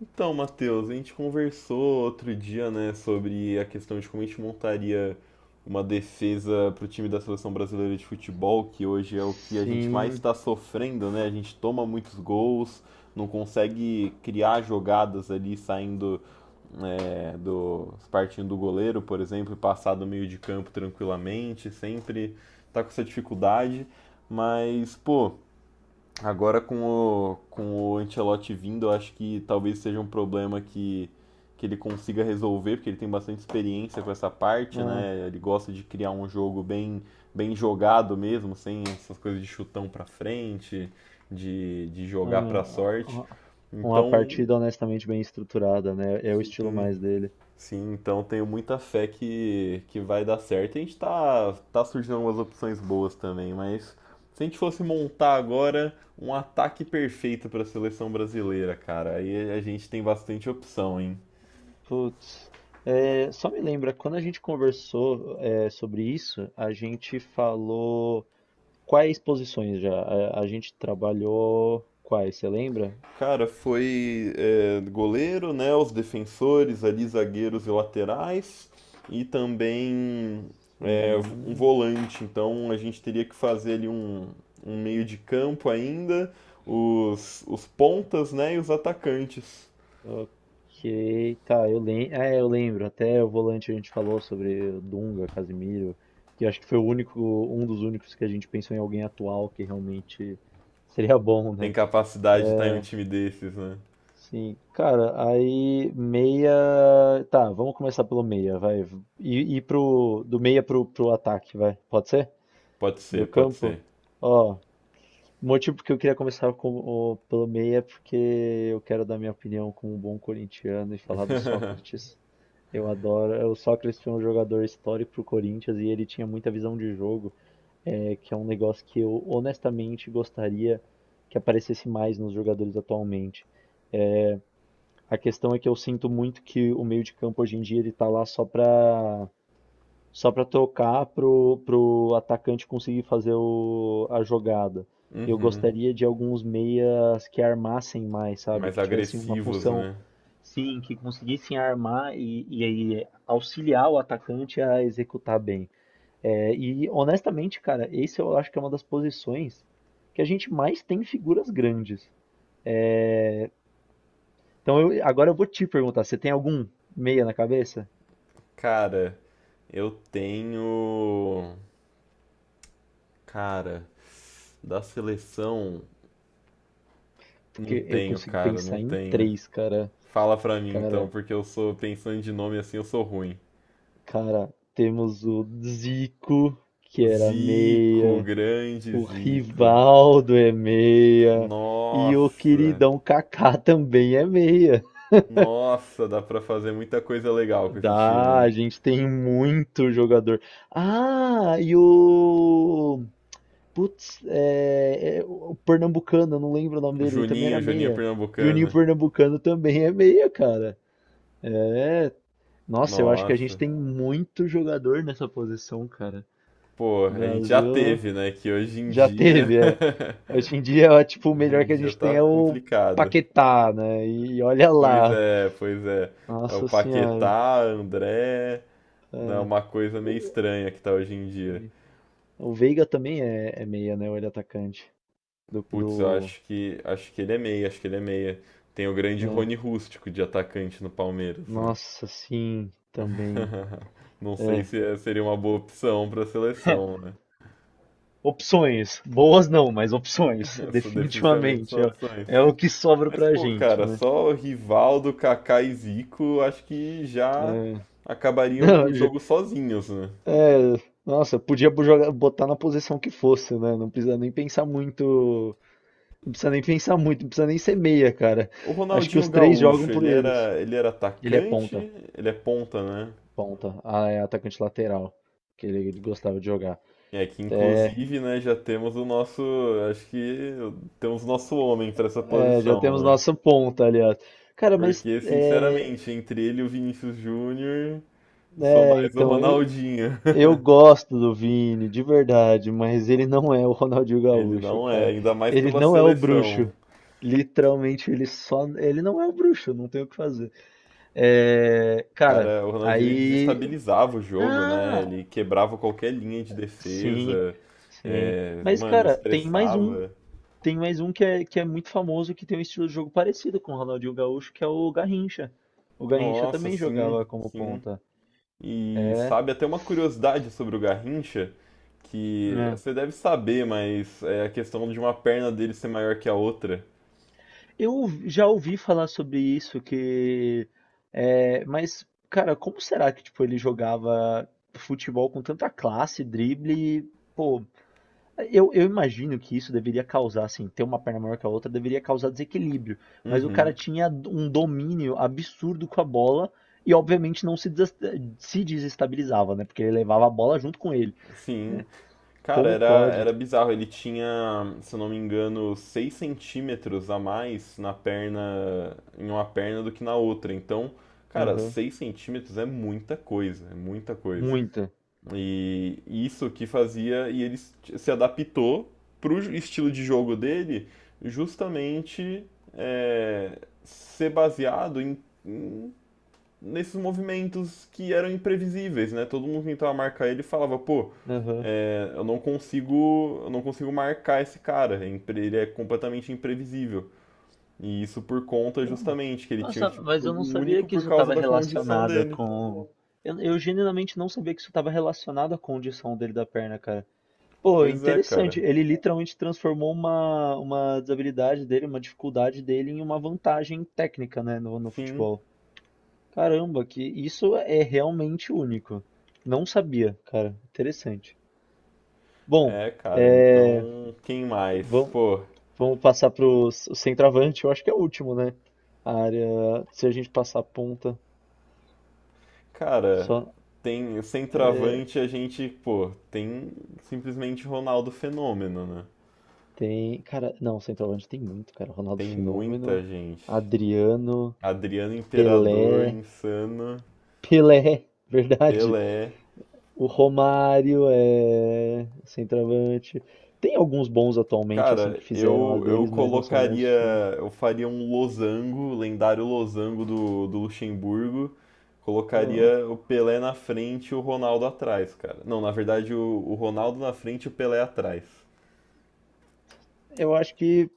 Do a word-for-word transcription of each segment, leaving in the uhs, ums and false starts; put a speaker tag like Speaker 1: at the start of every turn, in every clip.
Speaker 1: Então, Matheus, a gente conversou outro dia, né, sobre a questão de como a gente montaria uma defesa para o time da seleção brasileira de futebol, que hoje é o que a gente mais
Speaker 2: Sim,
Speaker 1: está sofrendo, né? A gente toma muitos gols, não consegue criar jogadas ali saindo, é, do partindo do goleiro, por exemplo, e passar do meio de campo tranquilamente, sempre tá com essa dificuldade. Mas, pô, agora com o, com o Ancelotti vindo, eu acho que talvez seja um problema que, que ele consiga resolver, porque ele tem bastante experiência com essa parte,
Speaker 2: é,
Speaker 1: né? Ele gosta de criar um jogo bem, bem jogado mesmo, sem essas coisas de chutão pra frente, de, de
Speaker 2: é,
Speaker 1: jogar pra sorte.
Speaker 2: uma uma
Speaker 1: Então,
Speaker 2: partida honestamente bem estruturada, né? É o estilo
Speaker 1: sim.
Speaker 2: mais dele.
Speaker 1: Sim, então tenho muita fé que, que vai dar certo. A gente tá, tá surgindo algumas opções boas também, mas se a gente fosse montar agora um ataque perfeito para a seleção brasileira, cara, aí a gente tem bastante opção, hein?
Speaker 2: Putz, é, só me lembra, quando a gente conversou é, sobre isso, a gente falou quais posições já? A, a gente trabalhou quais, você lembra?
Speaker 1: Cara, foi é, goleiro, né? Os defensores ali, zagueiros e laterais, e também é, um
Speaker 2: Sim.
Speaker 1: volante. Então a gente teria que fazer ali um, um meio de campo ainda, os, os pontas, né? E os atacantes.
Speaker 2: Ok, tá, eu lembro. É, eu lembro. Até o volante a gente falou sobre o Dunga, Casemiro, que eu acho que foi o único, um dos únicos que a gente pensou em alguém atual que realmente seria bom,
Speaker 1: Tem
Speaker 2: né?
Speaker 1: capacidade de estar em um time desses, né?
Speaker 2: Sim, cara, aí meia. Tá, vamos começar pelo meia, vai. E, e pro. Do meia pro, pro ataque, vai. Pode ser?
Speaker 1: Pode
Speaker 2: Do
Speaker 1: ser, pode
Speaker 2: campo?
Speaker 1: ser.
Speaker 2: Ó, o motivo porque eu queria começar com, o- pelo meia é porque eu quero dar minha opinião como um bom corintiano e falar do Sócrates. Eu adoro. O Sócrates foi um jogador histórico pro Corinthians e ele tinha muita visão de jogo, é, que é um negócio que eu honestamente gostaria que aparecesse mais nos jogadores atualmente. A questão é que eu sinto muito que o meio de campo hoje em dia ele tá lá só pra, só pra tocar pro, pro atacante conseguir fazer o- a jogada. Eu
Speaker 1: Uhum.
Speaker 2: gostaria de alguns meias que armassem mais, sabe?
Speaker 1: Mais
Speaker 2: Que tivessem uma
Speaker 1: agressivos,
Speaker 2: função.
Speaker 1: né?
Speaker 2: Sim, que conseguissem armar e, e aí auxiliar o atacante a executar bem. É, e honestamente, cara, esse eu acho que é uma das posições que a gente mais tem figuras grandes. É, então eu- agora eu vou te perguntar, você tem algum meia na cabeça?
Speaker 1: Cara, eu tenho. Cara, da seleção.
Speaker 2: Porque
Speaker 1: Não
Speaker 2: eu
Speaker 1: tenho,
Speaker 2: consigo
Speaker 1: cara, não
Speaker 2: pensar em
Speaker 1: tenho.
Speaker 2: três, cara.
Speaker 1: Fala pra mim então,
Speaker 2: Cara,
Speaker 1: porque eu sou, pensando de nome assim, eu sou ruim.
Speaker 2: cara, temos o Zico, que era
Speaker 1: Zico,
Speaker 2: meia.
Speaker 1: grande
Speaker 2: O
Speaker 1: Zico.
Speaker 2: Rivaldo é meia. E o
Speaker 1: Nossa,
Speaker 2: queridão Kaká também é meia.
Speaker 1: nossa, dá pra fazer muita coisa legal com esse time,
Speaker 2: Dá, a
Speaker 1: hein?
Speaker 2: gente tem muito jogador. Ah, e o. Putz, é, é o Pernambucano, eu não lembro o nome
Speaker 1: O
Speaker 2: dele, ele também
Speaker 1: Juninho,
Speaker 2: era
Speaker 1: o Juninho
Speaker 2: meia. Juninho
Speaker 1: Pernambucano.
Speaker 2: Pernambucano também é meia, cara. É. Nossa, eu acho que a
Speaker 1: Nossa,
Speaker 2: gente tem muito jogador nessa posição, cara.
Speaker 1: pô,
Speaker 2: O
Speaker 1: a gente já
Speaker 2: Brasil.
Speaker 1: teve, né? Que hoje em
Speaker 2: Já
Speaker 1: dia.
Speaker 2: teve, é. Hoje em dia, ó, tipo, o
Speaker 1: Hoje
Speaker 2: melhor
Speaker 1: em
Speaker 2: que a
Speaker 1: dia
Speaker 2: gente tem
Speaker 1: tá
Speaker 2: é o
Speaker 1: complicado.
Speaker 2: Paquetá, né? E olha
Speaker 1: Pois
Speaker 2: lá.
Speaker 1: é, pois é. É o
Speaker 2: Nossa senhora.
Speaker 1: Paquetá, André. É
Speaker 2: É.
Speaker 1: uma coisa meio
Speaker 2: O
Speaker 1: estranha que tá hoje em dia.
Speaker 2: o Veiga também é, é meia, né? Ou ele é atacante do,
Speaker 1: Putz, eu
Speaker 2: do,
Speaker 1: acho que acho que ele é meia, acho que ele é meia. Tem o grande
Speaker 2: né?
Speaker 1: Rony Rústico de atacante no Palmeiras, né?
Speaker 2: Nossa, sim, também.
Speaker 1: Não sei se é- seria uma boa opção para seleção, né?
Speaker 2: Opções. Boas não, mas opções.
Speaker 1: Isso definitivamente são
Speaker 2: Definitivamente. É,
Speaker 1: opções.
Speaker 2: é o que sobra pra
Speaker 1: Pô,
Speaker 2: gente,
Speaker 1: cara,
Speaker 2: né?
Speaker 1: só Rivaldo, Kaká e Zico, acho que já
Speaker 2: É.
Speaker 1: acabariam com
Speaker 2: Não,
Speaker 1: o
Speaker 2: já-
Speaker 1: jogo sozinhos, né?
Speaker 2: é, nossa, podia bo- jogar- botar na posição que fosse, né? Não precisa nem pensar muito. Não precisa nem pensar muito, não precisa nem ser meia, cara.
Speaker 1: O
Speaker 2: Acho que
Speaker 1: Ronaldinho
Speaker 2: os três jogam
Speaker 1: Gaúcho,
Speaker 2: por
Speaker 1: ele
Speaker 2: eles.
Speaker 1: era, ele era
Speaker 2: Ele é
Speaker 1: atacante,
Speaker 2: ponta,
Speaker 1: ele é ponta, né?
Speaker 2: ponta. Ah, é atacante lateral, que ele gostava de jogar.
Speaker 1: É que
Speaker 2: Até,
Speaker 1: inclusive, né, já temos o nosso, acho que temos o nosso homem para essa
Speaker 2: é, Já
Speaker 1: posição,
Speaker 2: temos
Speaker 1: né?
Speaker 2: nossa ponta, aliás. Cara, mas
Speaker 1: Porque,
Speaker 2: é,
Speaker 1: sinceramente, entre ele e o Vinícius Júnior, eu sou
Speaker 2: é,
Speaker 1: mais o
Speaker 2: então, eu,
Speaker 1: Ronaldinho.
Speaker 2: eu gosto do Vini, de verdade, mas ele não é o Ronaldinho
Speaker 1: Ele
Speaker 2: Gaúcho,
Speaker 1: não é,
Speaker 2: cara.
Speaker 1: ainda mais
Speaker 2: Ele
Speaker 1: pela
Speaker 2: não é o
Speaker 1: seleção.
Speaker 2: bruxo. Literalmente, ele só, ele não é o bruxo, não tem o que fazer. É, cara,
Speaker 1: Cara, o Ronaldinho ele
Speaker 2: aí.
Speaker 1: desestabilizava o jogo, né?
Speaker 2: Ah!
Speaker 1: Ele quebrava qualquer linha de
Speaker 2: Sim,
Speaker 1: defesa,
Speaker 2: sim.
Speaker 1: é,
Speaker 2: Mas,
Speaker 1: mano,
Speaker 2: cara, tem mais um,
Speaker 1: estressava.
Speaker 2: tem mais um que é, que é muito famoso, que tem um estilo de jogo parecido com o Ronaldinho Gaúcho, que é o Garrincha. O Garrincha
Speaker 1: Nossa,
Speaker 2: também
Speaker 1: sim,
Speaker 2: jogava como
Speaker 1: sim.
Speaker 2: ponta.
Speaker 1: E
Speaker 2: É,
Speaker 1: sabe, até uma curiosidade sobre o Garrincha, que
Speaker 2: né?
Speaker 1: você deve saber, mas é a questão de uma perna dele ser maior que a outra.
Speaker 2: Eu já ouvi falar sobre isso, que... É, mas, cara, como será que, tipo, ele jogava futebol com tanta classe, drible, e, pô, Eu, eu imagino que isso deveria causar, assim, ter uma perna maior que a outra deveria causar desequilíbrio, mas o cara
Speaker 1: Uhum,
Speaker 2: tinha um domínio absurdo com a bola e obviamente não se, des- se desestabilizava, né? Porque ele levava a bola junto com ele.
Speaker 1: sim. Cara,
Speaker 2: Como
Speaker 1: era,
Speaker 2: pode?
Speaker 1: era bizarro. Ele tinha, se eu não me engano, seis centímetros a mais na perna, em uma perna do que na outra. Então, cara,
Speaker 2: Aham.
Speaker 1: seis centímetros é muita coisa, é muita coisa.
Speaker 2: Muita.
Speaker 1: E isso que fazia, e ele se adaptou para o estilo de jogo dele, justamente é, ser baseado em, em- nesses movimentos que eram imprevisíveis, né? Todo mundo tentava marcar ele e falava, pô,
Speaker 2: Aham.
Speaker 1: é, eu não consigo, eu não consigo marcar esse cara, é impre- ele é completamente imprevisível. E isso por conta
Speaker 2: Caramba.
Speaker 1: justamente que ele tinha um
Speaker 2: Nossa,
Speaker 1: estilo de
Speaker 2: mas eu
Speaker 1: jogo
Speaker 2: não sabia
Speaker 1: único
Speaker 2: que
Speaker 1: por
Speaker 2: isso
Speaker 1: causa
Speaker 2: estava
Speaker 1: da condição
Speaker 2: relacionado
Speaker 1: dele.
Speaker 2: com. Eu, eu genuinamente não sabia que isso estava relacionado à condição dele da perna, cara. Pô,
Speaker 1: Pois é, cara.
Speaker 2: interessante. Ele literalmente transformou uma, uma desabilidade dele, uma dificuldade dele, em uma vantagem técnica, né, no, no
Speaker 1: Sim.
Speaker 2: futebol. Caramba, que isso é realmente único. Não sabia, cara. Interessante. Bom,
Speaker 1: É, cara,
Speaker 2: é,
Speaker 1: então quem mais?
Speaker 2: vamos,
Speaker 1: Pô,
Speaker 2: vamos passar para o centroavante. Eu acho que é o último, né? A área. Se a gente passar a ponta,
Speaker 1: cara,
Speaker 2: só
Speaker 1: tem
Speaker 2: é,
Speaker 1: centroavante a gente, pô, tem simplesmente Ronaldo Fenômeno, né?
Speaker 2: tem. Cara, não, centroavante tem muito, cara. Ronaldo
Speaker 1: Tem muita
Speaker 2: Fenômeno,
Speaker 1: gente.
Speaker 2: Adriano,
Speaker 1: Adriano Imperador,
Speaker 2: Pelé.
Speaker 1: Insano,
Speaker 2: Pelé, verdade.
Speaker 1: Pelé.
Speaker 2: O Romário é centroavante. Tem alguns bons atualmente, assim,
Speaker 1: Cara,
Speaker 2: que fizeram as
Speaker 1: eu eu
Speaker 2: deles, mas não são bons o
Speaker 1: colocaria,
Speaker 2: suficiente.
Speaker 1: eu faria um losango, lendário losango do, do Luxemburgo.
Speaker 2: Eu
Speaker 1: Colocaria o Pelé na frente e o Ronaldo atrás, cara. Não, na verdade, o, o Ronaldo na frente e o Pelé atrás.
Speaker 2: eu acho que,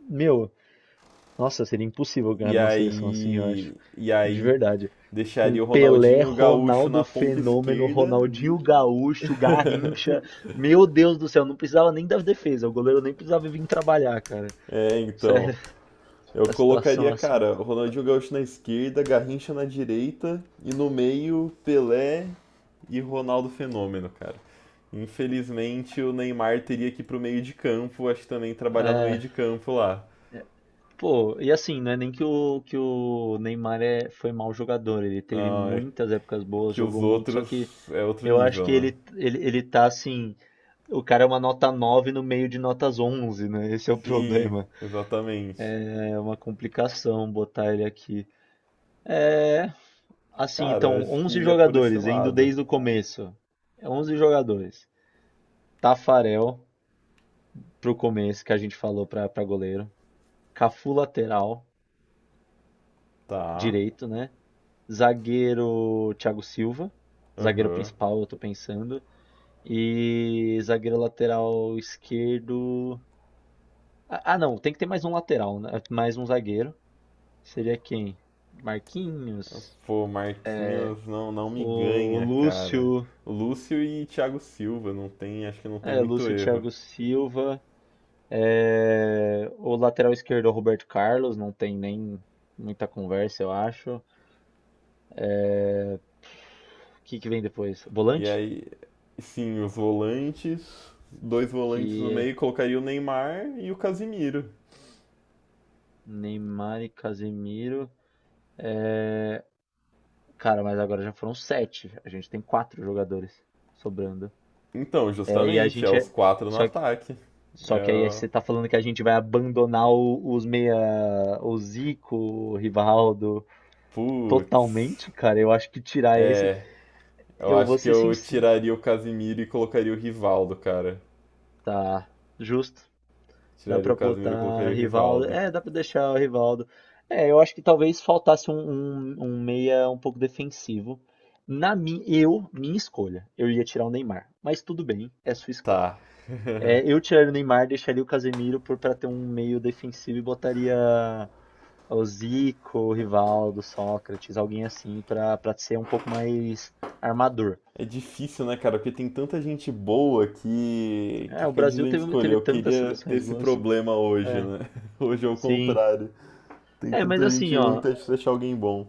Speaker 2: meu, nossa, seria impossível ganhar
Speaker 1: E
Speaker 2: de uma seleção assim, eu acho.
Speaker 1: aí, e
Speaker 2: De
Speaker 1: aí
Speaker 2: verdade. Com
Speaker 1: deixaria o
Speaker 2: Pelé,
Speaker 1: Ronaldinho Gaúcho
Speaker 2: Ronaldo
Speaker 1: na ponta
Speaker 2: Fenômeno,
Speaker 1: esquerda.
Speaker 2: Ronaldinho Gaúcho, Garrincha. Meu Deus do céu, não precisava nem das defesas. O goleiro nem precisava vir trabalhar, cara.
Speaker 1: É, então,
Speaker 2: Sério,
Speaker 1: eu
Speaker 2: a situação
Speaker 1: colocaria,
Speaker 2: assim.
Speaker 1: cara, o Ronaldinho Gaúcho na esquerda, Garrincha na direita e no meio Pelé e Ronaldo Fenômeno, cara. Infelizmente o Neymar teria que ir pro meio de campo, acho que também trabalhar no meio
Speaker 2: É.
Speaker 1: de campo lá.
Speaker 2: Pô, e assim, não é nem que o, que o Neymar é, foi mau jogador, ele teve
Speaker 1: Ah, é
Speaker 2: muitas épocas boas,
Speaker 1: que os
Speaker 2: jogou muito, só que
Speaker 1: outros é outro
Speaker 2: eu acho
Speaker 1: nível,
Speaker 2: que
Speaker 1: né?
Speaker 2: ele, ele, ele tá assim, o cara é uma nota nove no meio de notas onze, né? Esse é o
Speaker 1: Sim,
Speaker 2: problema.
Speaker 1: exatamente.
Speaker 2: É uma complicação botar ele aqui. Assim,
Speaker 1: Cara,
Speaker 2: então,
Speaker 1: acho que
Speaker 2: onze
Speaker 1: iria por esse
Speaker 2: jogadores, indo
Speaker 1: lado.
Speaker 2: desde o começo. É onze jogadores. Tafarel pro começo, que a gente falou pra, pra goleiro. Cafu lateral,
Speaker 1: Tá,
Speaker 2: direito, né? Zagueiro Thiago Silva, zagueiro
Speaker 1: aham.
Speaker 2: principal, eu tô pensando. E zagueiro lateral esquerdo. Ah, ah, não, tem que ter mais um lateral, né? Mais um zagueiro. Seria quem? Marquinhos,
Speaker 1: Pô, Marquinhos não, não me
Speaker 2: o
Speaker 1: ganha, cara.
Speaker 2: Lúcio,
Speaker 1: Lúcio e Thiago Silva, não tem, acho que não tem
Speaker 2: é,
Speaker 1: muito
Speaker 2: Lúcio
Speaker 1: erro.
Speaker 2: Thiago Silva, é, o lateral esquerdo é o Roberto Carlos, não tem nem muita conversa, eu acho. O que que vem depois?
Speaker 1: E
Speaker 2: Volante?
Speaker 1: aí, sim, os volantes, dois volantes
Speaker 2: Que
Speaker 1: no
Speaker 2: é
Speaker 1: meio, colocaria o Neymar e o Casimiro.
Speaker 2: Neymar e Casemiro. Cara, mas agora já foram sete. A gente tem quatro jogadores sobrando.
Speaker 1: Então,
Speaker 2: É, e a
Speaker 1: justamente, é
Speaker 2: gente
Speaker 1: os
Speaker 2: é.
Speaker 1: quatro no
Speaker 2: Só que,
Speaker 1: ataque.
Speaker 2: só que aí
Speaker 1: É,
Speaker 2: você tá falando que a gente vai abandonar o- os meia. O Zico, o Rivaldo.
Speaker 1: putz.
Speaker 2: Totalmente, cara. Eu acho que tirar esse.
Speaker 1: É, eu
Speaker 2: Eu vou
Speaker 1: acho que
Speaker 2: ser
Speaker 1: eu
Speaker 2: sincero.
Speaker 1: tiraria o Casimiro e colocaria o Rivaldo, cara.
Speaker 2: Tá, justo. Dá
Speaker 1: Tiraria o
Speaker 2: pra
Speaker 1: Casimiro e
Speaker 2: botar
Speaker 1: colocaria o
Speaker 2: Rivaldo.
Speaker 1: Rivaldo.
Speaker 2: É, dá pra deixar o Rivaldo. É, eu acho que talvez faltasse um, um, um meia um pouco defensivo. Na minha, eu, minha escolha, eu ia tirar o Neymar. Mas tudo bem, é sua escolha.
Speaker 1: Tá.
Speaker 2: É, eu tiraria o Neymar, deixaria o Casemiro por para ter um meio defensivo e botaria o Zico, o Rivaldo, Sócrates, alguém assim para para ser um pouco mais armador.
Speaker 1: É difícil, né, cara? Porque tem tanta gente boa que, que
Speaker 2: É, o
Speaker 1: fica
Speaker 2: Brasil
Speaker 1: difícil de
Speaker 2: teve,
Speaker 1: escolher.
Speaker 2: teve
Speaker 1: Eu
Speaker 2: tantas
Speaker 1: queria ter
Speaker 2: seleções
Speaker 1: esse
Speaker 2: boas.
Speaker 1: problema hoje,
Speaker 2: É,
Speaker 1: né? Hoje é o
Speaker 2: sim.
Speaker 1: contrário. Tem
Speaker 2: É, mas
Speaker 1: tanta
Speaker 2: assim,
Speaker 1: gente ruim que
Speaker 2: ó,
Speaker 1: tá difícil achar alguém bom.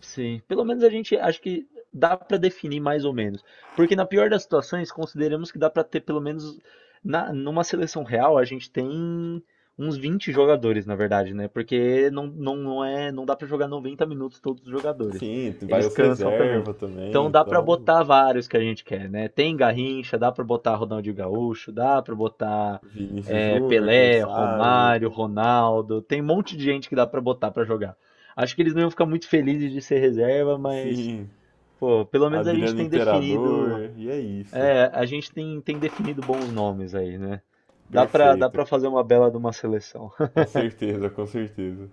Speaker 2: sim, pelo menos a gente acho que dá para definir mais ou menos. Porque na pior das situações, consideramos que dá para ter pelo menos na, numa seleção real, a gente tem uns vinte jogadores, na verdade, né? Porque não, não, não é, não dá para jogar noventa minutos todos os jogadores.
Speaker 1: Sim, vai
Speaker 2: Eles
Speaker 1: os
Speaker 2: cansam também.
Speaker 1: reserva também,
Speaker 2: Então dá para
Speaker 1: então.
Speaker 2: botar vários que a gente quer, né? Tem Garrincha, dá para botar Ronaldinho Gaúcho, dá para botar
Speaker 1: Vinícius
Speaker 2: é,
Speaker 1: Júnior, quem
Speaker 2: Pelé,
Speaker 1: sabe?
Speaker 2: Romário, Ronaldo, tem um monte de gente que dá para botar para jogar. Acho que eles não iam ficar muito felizes de ser reserva, mas,
Speaker 1: Sim,
Speaker 2: pô, pelo menos a gente
Speaker 1: Adriano
Speaker 2: tem definido,
Speaker 1: Imperador. E é isso.
Speaker 2: é, a gente tem, tem definido bons nomes aí, né? Dá pra, dá
Speaker 1: Perfeito.
Speaker 2: pra fazer uma bela de uma seleção.
Speaker 1: Com certeza, com certeza.